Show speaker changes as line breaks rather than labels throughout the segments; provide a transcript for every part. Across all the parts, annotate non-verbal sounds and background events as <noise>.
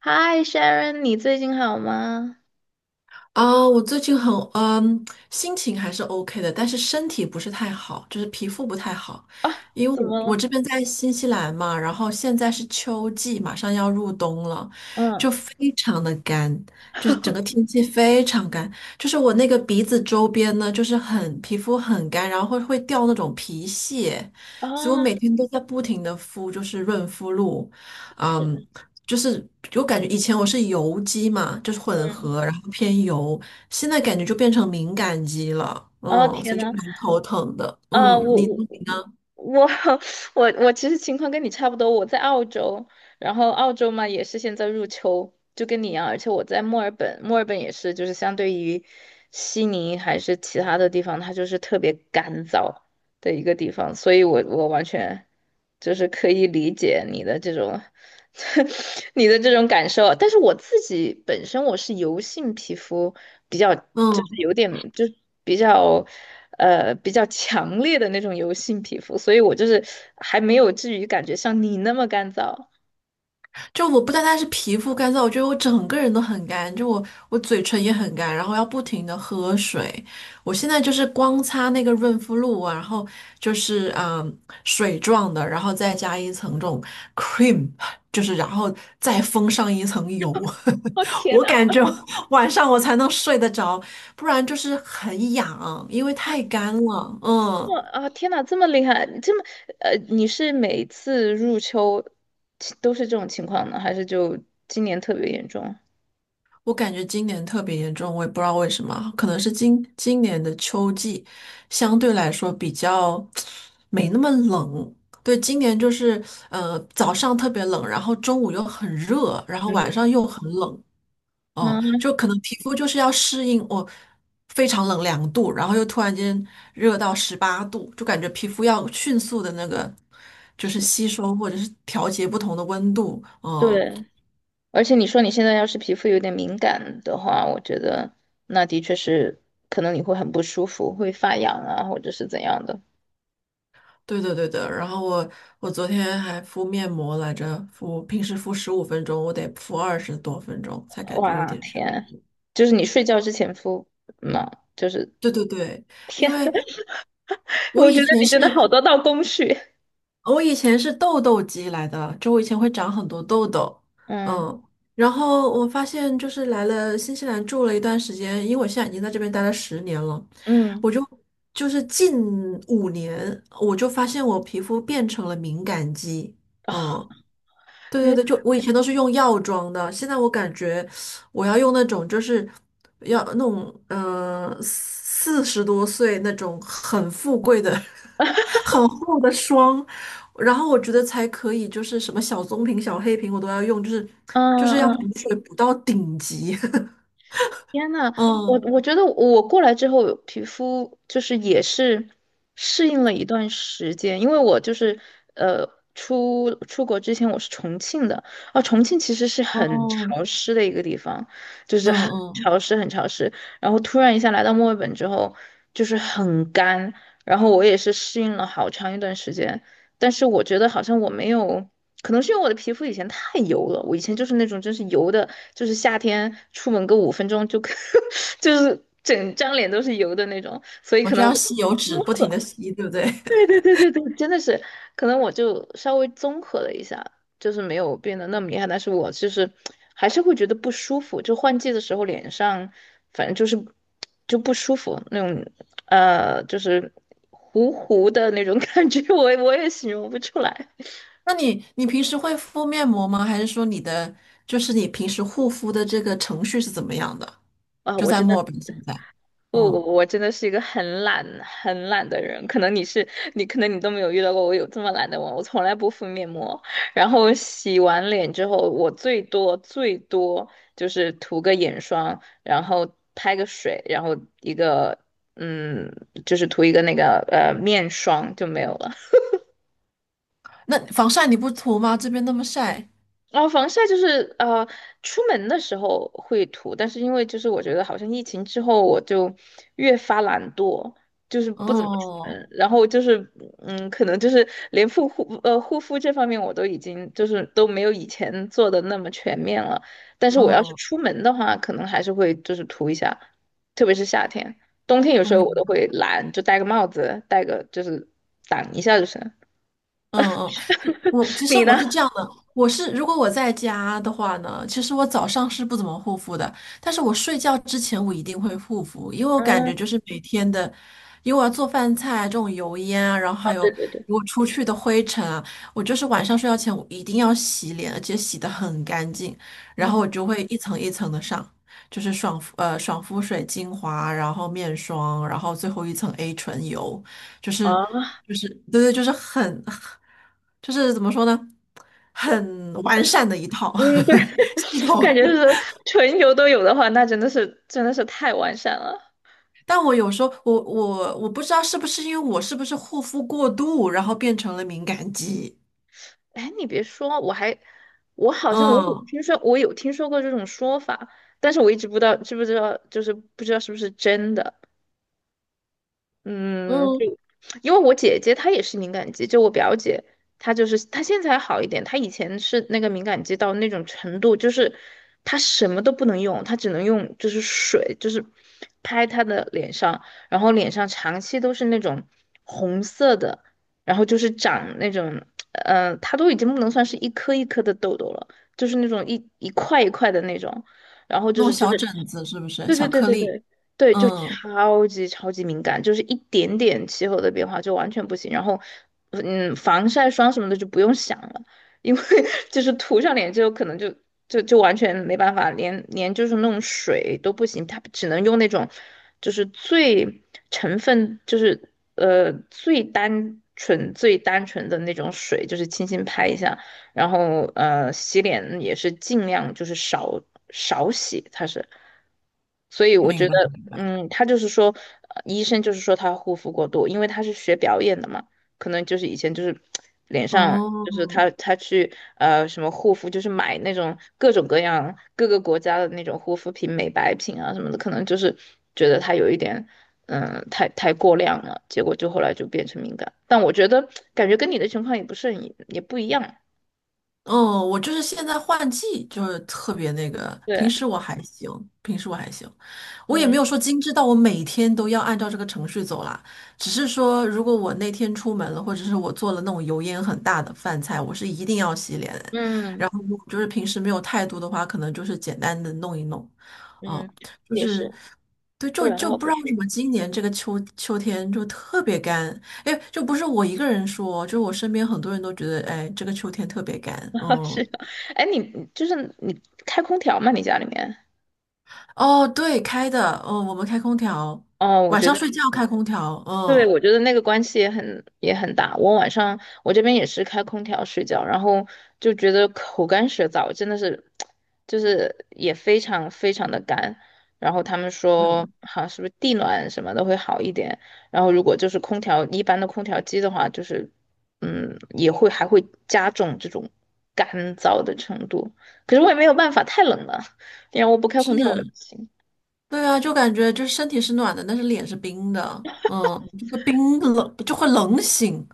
嗨，Sharon，你最近好吗？
啊，我最近很心情还是 OK 的，但是身体不是太好，就是皮肤不太好。
啊，
因为
怎
我
么
我
了？
这边在新西兰嘛，然后现在是秋季，马上要入冬了，
嗯，
就非常的干，就是整个
<laughs>
天气非常干，就是我那个鼻子周边呢，就是很皮肤很干，然后会掉那种皮屑，所以我每
啊，
天都在不停的敷，就是润肤露，
是，
嗯。就是我感觉以前我是油肌嘛，就是混合，然后偏油，现在感觉就变成敏感肌了，
哦，
嗯，
天
所以就
呐，
蛮头疼的。嗯，
我
你呢
我
你呢？
我 <laughs> 我其实情况跟你差不多，我在澳洲，然后澳洲嘛也是现在入秋，就跟你一样，而且我在墨尔本，墨尔本也是，就是相对于悉尼还是其他的地方，它就是特别干燥，的一个地方，所以我完全就是可以理解你的这种 <laughs> 你的这种感受。但是我自己本身我是油性皮肤，比较就是
嗯。
有点就是比较比较强烈的那种油性皮肤，所以我就是还没有至于感觉像你那么干燥。
就我不单单是皮肤干燥，我觉得我整个人都很干，就我嘴唇也很干，然后要不停的喝水。我现在就是光擦那个润肤露啊，然后就是嗯水状的，然后再加一层这种 cream，就是然后再封上一层油，
哦
<laughs>
天
我
呐！
感觉晚上我才能睡得着，不然就是很痒，因为太干了，嗯。
哇啊！天呐，这么厉害，这么你是每次入秋都是这种情况呢，还是就今年特别严重？
我感觉今年特别严重，我也不知道为什么，可能是今年的秋季相对来说比较没那么冷。对，今年就是早上特别冷，然后中午又很热，然后
嗯。
晚上又很冷，哦、
那
就可能皮肤就是要适应我非常冷2度，然后又突然间热到18度，就感觉皮肤要迅速的那个就是
是
吸收或者是调节不同的温度，嗯、
对，而且你说你现在要是皮肤有点敏感的话，我觉得那的确是可能你会很不舒服，会发痒啊，或者是怎样的。
对的，对的。然后我昨天还敷面膜来着，平时敷15分钟，我得敷20多分钟才感觉有
哇
点舒
天，
服。
就是你睡觉之前敷嘛，就是
对对对，
天，
因为
<laughs>
我
我觉
以
得
前
你
是
真的好多道工序。
我以前是痘痘肌来的，就我以前会长很多痘痘，
嗯
嗯。然后我发现就是来了新西兰住了一段时间，因为我现在已经在这边待了10年了，我
嗯
就就是近5年我就发现我皮肤变成了敏感肌。
啊，
嗯，对对
原
对，就我以前都是用药妆的，现在我感觉我要用那种就是要那种40多岁那种很富贵的、<laughs> 很厚的霜，然后我觉得才可以，就是什么小棕瓶、小黑瓶我都要用，就是
嗯
就是要补
嗯
水补到顶级。<laughs>
天呐，我
嗯
我觉得我过来之后，皮肤就是也是适应了一段时间，因为我就是出国之前我是重庆的，啊，重庆其实是很
嗯
潮湿的一个地方，就是
嗯
很
嗯，
潮湿很潮湿，然后突然一下来到墨尔本之后，就是很干，然后我也是适应了好长一段时间，但是我觉得好像我没有，可能是因为我的皮肤以前太油了，我以前就是那种真是油的，就是夏天出门个五分钟就 <laughs> 就是整张脸都是油的那种，所以
我
可
就
能我
要
就
吸油纸不停的吸，对不对？
对对对对对，真的是，可能我就稍微综合了一下，就是没有变得那么厉害，但是我就是还是会觉得不舒服，就换季的时候脸上反正就是就不舒服那种，就是糊糊的那种感觉，我也形容不出来。
那你平时会敷面膜吗？还是说你平时护肤的这个程序是怎么样的？
啊，
就
我
在
真的
墨尔本现在，
不，
嗯，
我真的是一个很懒、很懒的人。可能你是你，可能你都没有遇到过我有这么懒的我。我从来不敷面膜，然后洗完脸之后，我最多最多就是涂个眼霜，然后拍个水，然后一个嗯，就是涂一个那个面霜就没有了。
那防晒你不涂吗？这边那么晒，
然后防晒就是出门的时候会涂，但是因为就是我觉得好像疫情之后我就越发懒惰，就是不怎么出
哦，
门，然后就是嗯，可能就是连护护肤这方面我都已经就是都没有以前做的那么全面了，但是我要是
哦，
出门的话，可能还是会就是涂一下，特别是夏天，冬天有
我
时候我都
明
会懒，就戴个帽子，戴个就是挡一下就是。
嗯嗯，就我其
<laughs>
实
你呢？
我是这样的，我是如果我在家的话呢，其实我早上是不怎么护肤的，但是我睡觉之前我一定会护肤，因为我感
嗯，
觉就是每天的，因为我要做饭菜这种油烟啊，然后
啊，
还
对
有
对对，
如果出去的灰尘啊，我就是晚上睡觉前我一定要洗脸，而且洗的很干净，然后
嗯。
我就会一层一层的上，就是爽肤水精华，然后面霜，然后最后一层 A 醇油。就是
啊。
就是对对，就是很就是怎么说呢，很完善的一套
嗯，对，
<laughs> 系
<laughs>
统。
感觉是纯油都有的话，那真的是真的是太完善了。
但我有时候我不知道是不是因为我是不是护肤过度，然后变成了敏感肌。
哎，你别说，我好像我有
嗯
听说，我有听说过这种说法，但是我一直不知道知不知道，就是不知道是不是真的。嗯，
嗯，
就因为我姐姐她也是敏感肌，就我表姐，她就是她现在还好一点，她以前是那个敏感肌到那种程度，就是她什么都不能用，她只能用就是水，就是拍她的脸上，然后脸上长期都是那种红色的，然后就是长那种，呃，她都已经不能算是一颗一颗的痘痘了，就是那种一块一块的那种，然后就
那
是
种
真
小
的。
疹子是不是
对对
小
对
颗
对
粒？
对对，就
嗯，
超级超级敏感，就是一点点气候的变化就完全不行。然后，嗯，防晒霜什么的就不用想了，因为 <laughs> 就是涂上脸之后，可能就完全没办法，连就是那种水都不行，它只能用那种就是最成分就是最单纯最单纯的那种水，就是轻轻拍一下。然后呃，洗脸也是尽量就是少少洗，它是，所以我觉
明白
得，
明白。
嗯，他就是说，医生就是说他护肤过度，因为他是学表演的嘛，可能就是以前就是 <tsk> 脸上
哦，
就是他去什么护肤，就是买那种各种各样各个国家的那种护肤品、美白品啊什么的，可能就是觉得他有一点。嗯，太过量了，结果就后来就变成敏感。但我觉得感觉跟你的情况也不是很也不一样。
嗯，我就是现在换季，就是特别那个。平
对，
时我还行，平时我还行，我也没
嗯
有说精致到我每天都要按照这个程序走啦。只是说，如果我那天出门了，或者是我做了那种油烟很大的饭菜，我是一定要洗脸。然
嗯
后如果就是平时没有太多的话，可能就是简单的弄一弄。
嗯，
嗯，就
也
是，
是，
对，
不
就
然的
就
话
不
不
知道为
舒
什
服。
么今年这个秋天就特别干，哎，就不是我一个人说，就是我身边很多人都觉得，哎，这个秋天特别干。
<laughs> 是
嗯，
的，哎，你就是你开空调吗？你家里面？
哦，对，开的，嗯，我们开空调，
哦，我
晚
觉
上
得。
睡觉开空调，
对，
嗯，
我觉得那个关系也很也很大。我晚上我这边也是开空调睡觉，然后就觉得口干舌燥，真的是，就是也非常非常的干。然后他们
对，
说，好像是不是地暖什么的会好一点。然后如果就是空调一般的空调机的话，就是嗯也会还会加重这种干燥的程度。可是我也没有办法，太冷了，因为我不开空调我也不
是，
行。
对啊，就感觉就是身体是暖的，但是脸是冰的，嗯，就会冰冷，就会冷醒，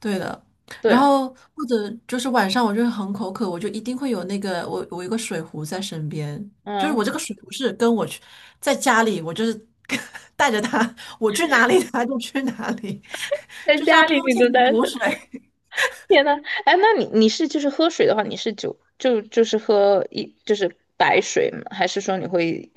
对的。然
对，
后或者就是晚上我就会很口渴，我就一定会有那个我有一个水壶在身边，就是
嗯，
我这个水壶是跟我去在家里，我就是 <laughs> 带着它，我去哪里它就去哪里，<laughs>
在
就是要
家
不
里你都
停的
待。
补水。
天呐，哎，那你是就是喝水的话，你是就就就是喝一就是白水吗？还是说你会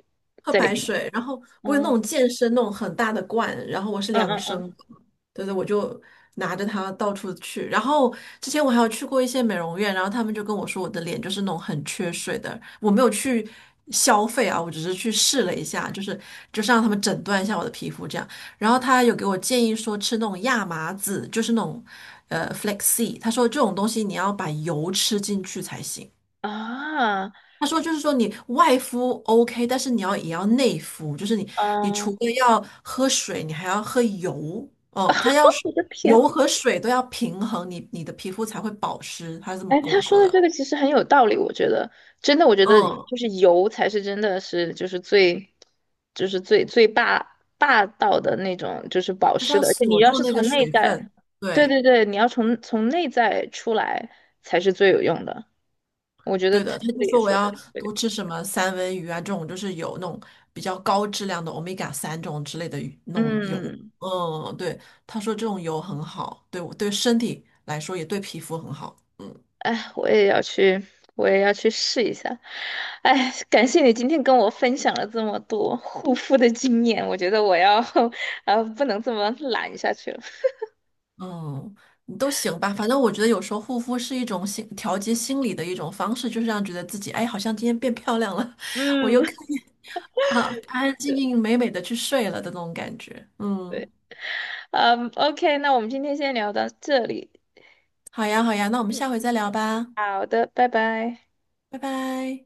喝
在里
白
面？
水，然后我有那种
嗯
健身那种很大的罐，然后我是
嗯
两
嗯
升
嗯
的对对，我就拿着它到处去。然后之前我还有去过一些美容院，然后他们就跟我说我的脸就是那种很缺水的，我没有去消费啊，我只是去试了一下，就是就是让他们诊断一下我的皮肤这样。然后他有给我建议说吃那种亚麻籽，就是那种flaxseed，他说这种东西你要把油吃进去才行。
啊
他说就是说你外敷 OK，但是你要也要内敷，就是你除
嗯，
了要喝水，你还要喝油。哦，他要是
我的天，
油和水都要平衡，你你的皮肤才会保湿。他是这么
哎，
跟
他
我
说
说
的
的。
这个其实很有道理，我觉得真的，我觉得
嗯，
就是油才是真的是就是最，就是最最霸道的那种，就是保
就是
湿
要
的。而且你
锁
要
住
是
那个
从内
水
在，
分。
对
对，
对对，你要从从内在出来才是最有用的。我觉得
对
他
的，他
这
就
个也
说我
说
要
的对，
多吃什么三文鱼啊，这种就是有那种比较高质量的欧米伽三这种之类的鱼那种油。
嗯。
嗯，对，他说这种油很好，对我对身体来说也对皮肤很好。嗯。
哎，我也要去，我也要去试一下。哎，感谢你今天跟我分享了这么多护肤的经验，我觉得我要，<laughs> 不能这么懒下去了。
嗯，都行吧，反正我觉得有时候护肤是一种心调节心理的一种方式，就是让觉得自己哎，好像今天变漂亮了，<laughs> 我又可
嗯
以啊安安静静美美的去睡了的那种感觉。
<laughs>
嗯，
对，嗯，OK，那我们今天先聊到这里。
好呀好呀，那我们下
嗯，
回再聊吧，
好的，拜拜。
拜拜。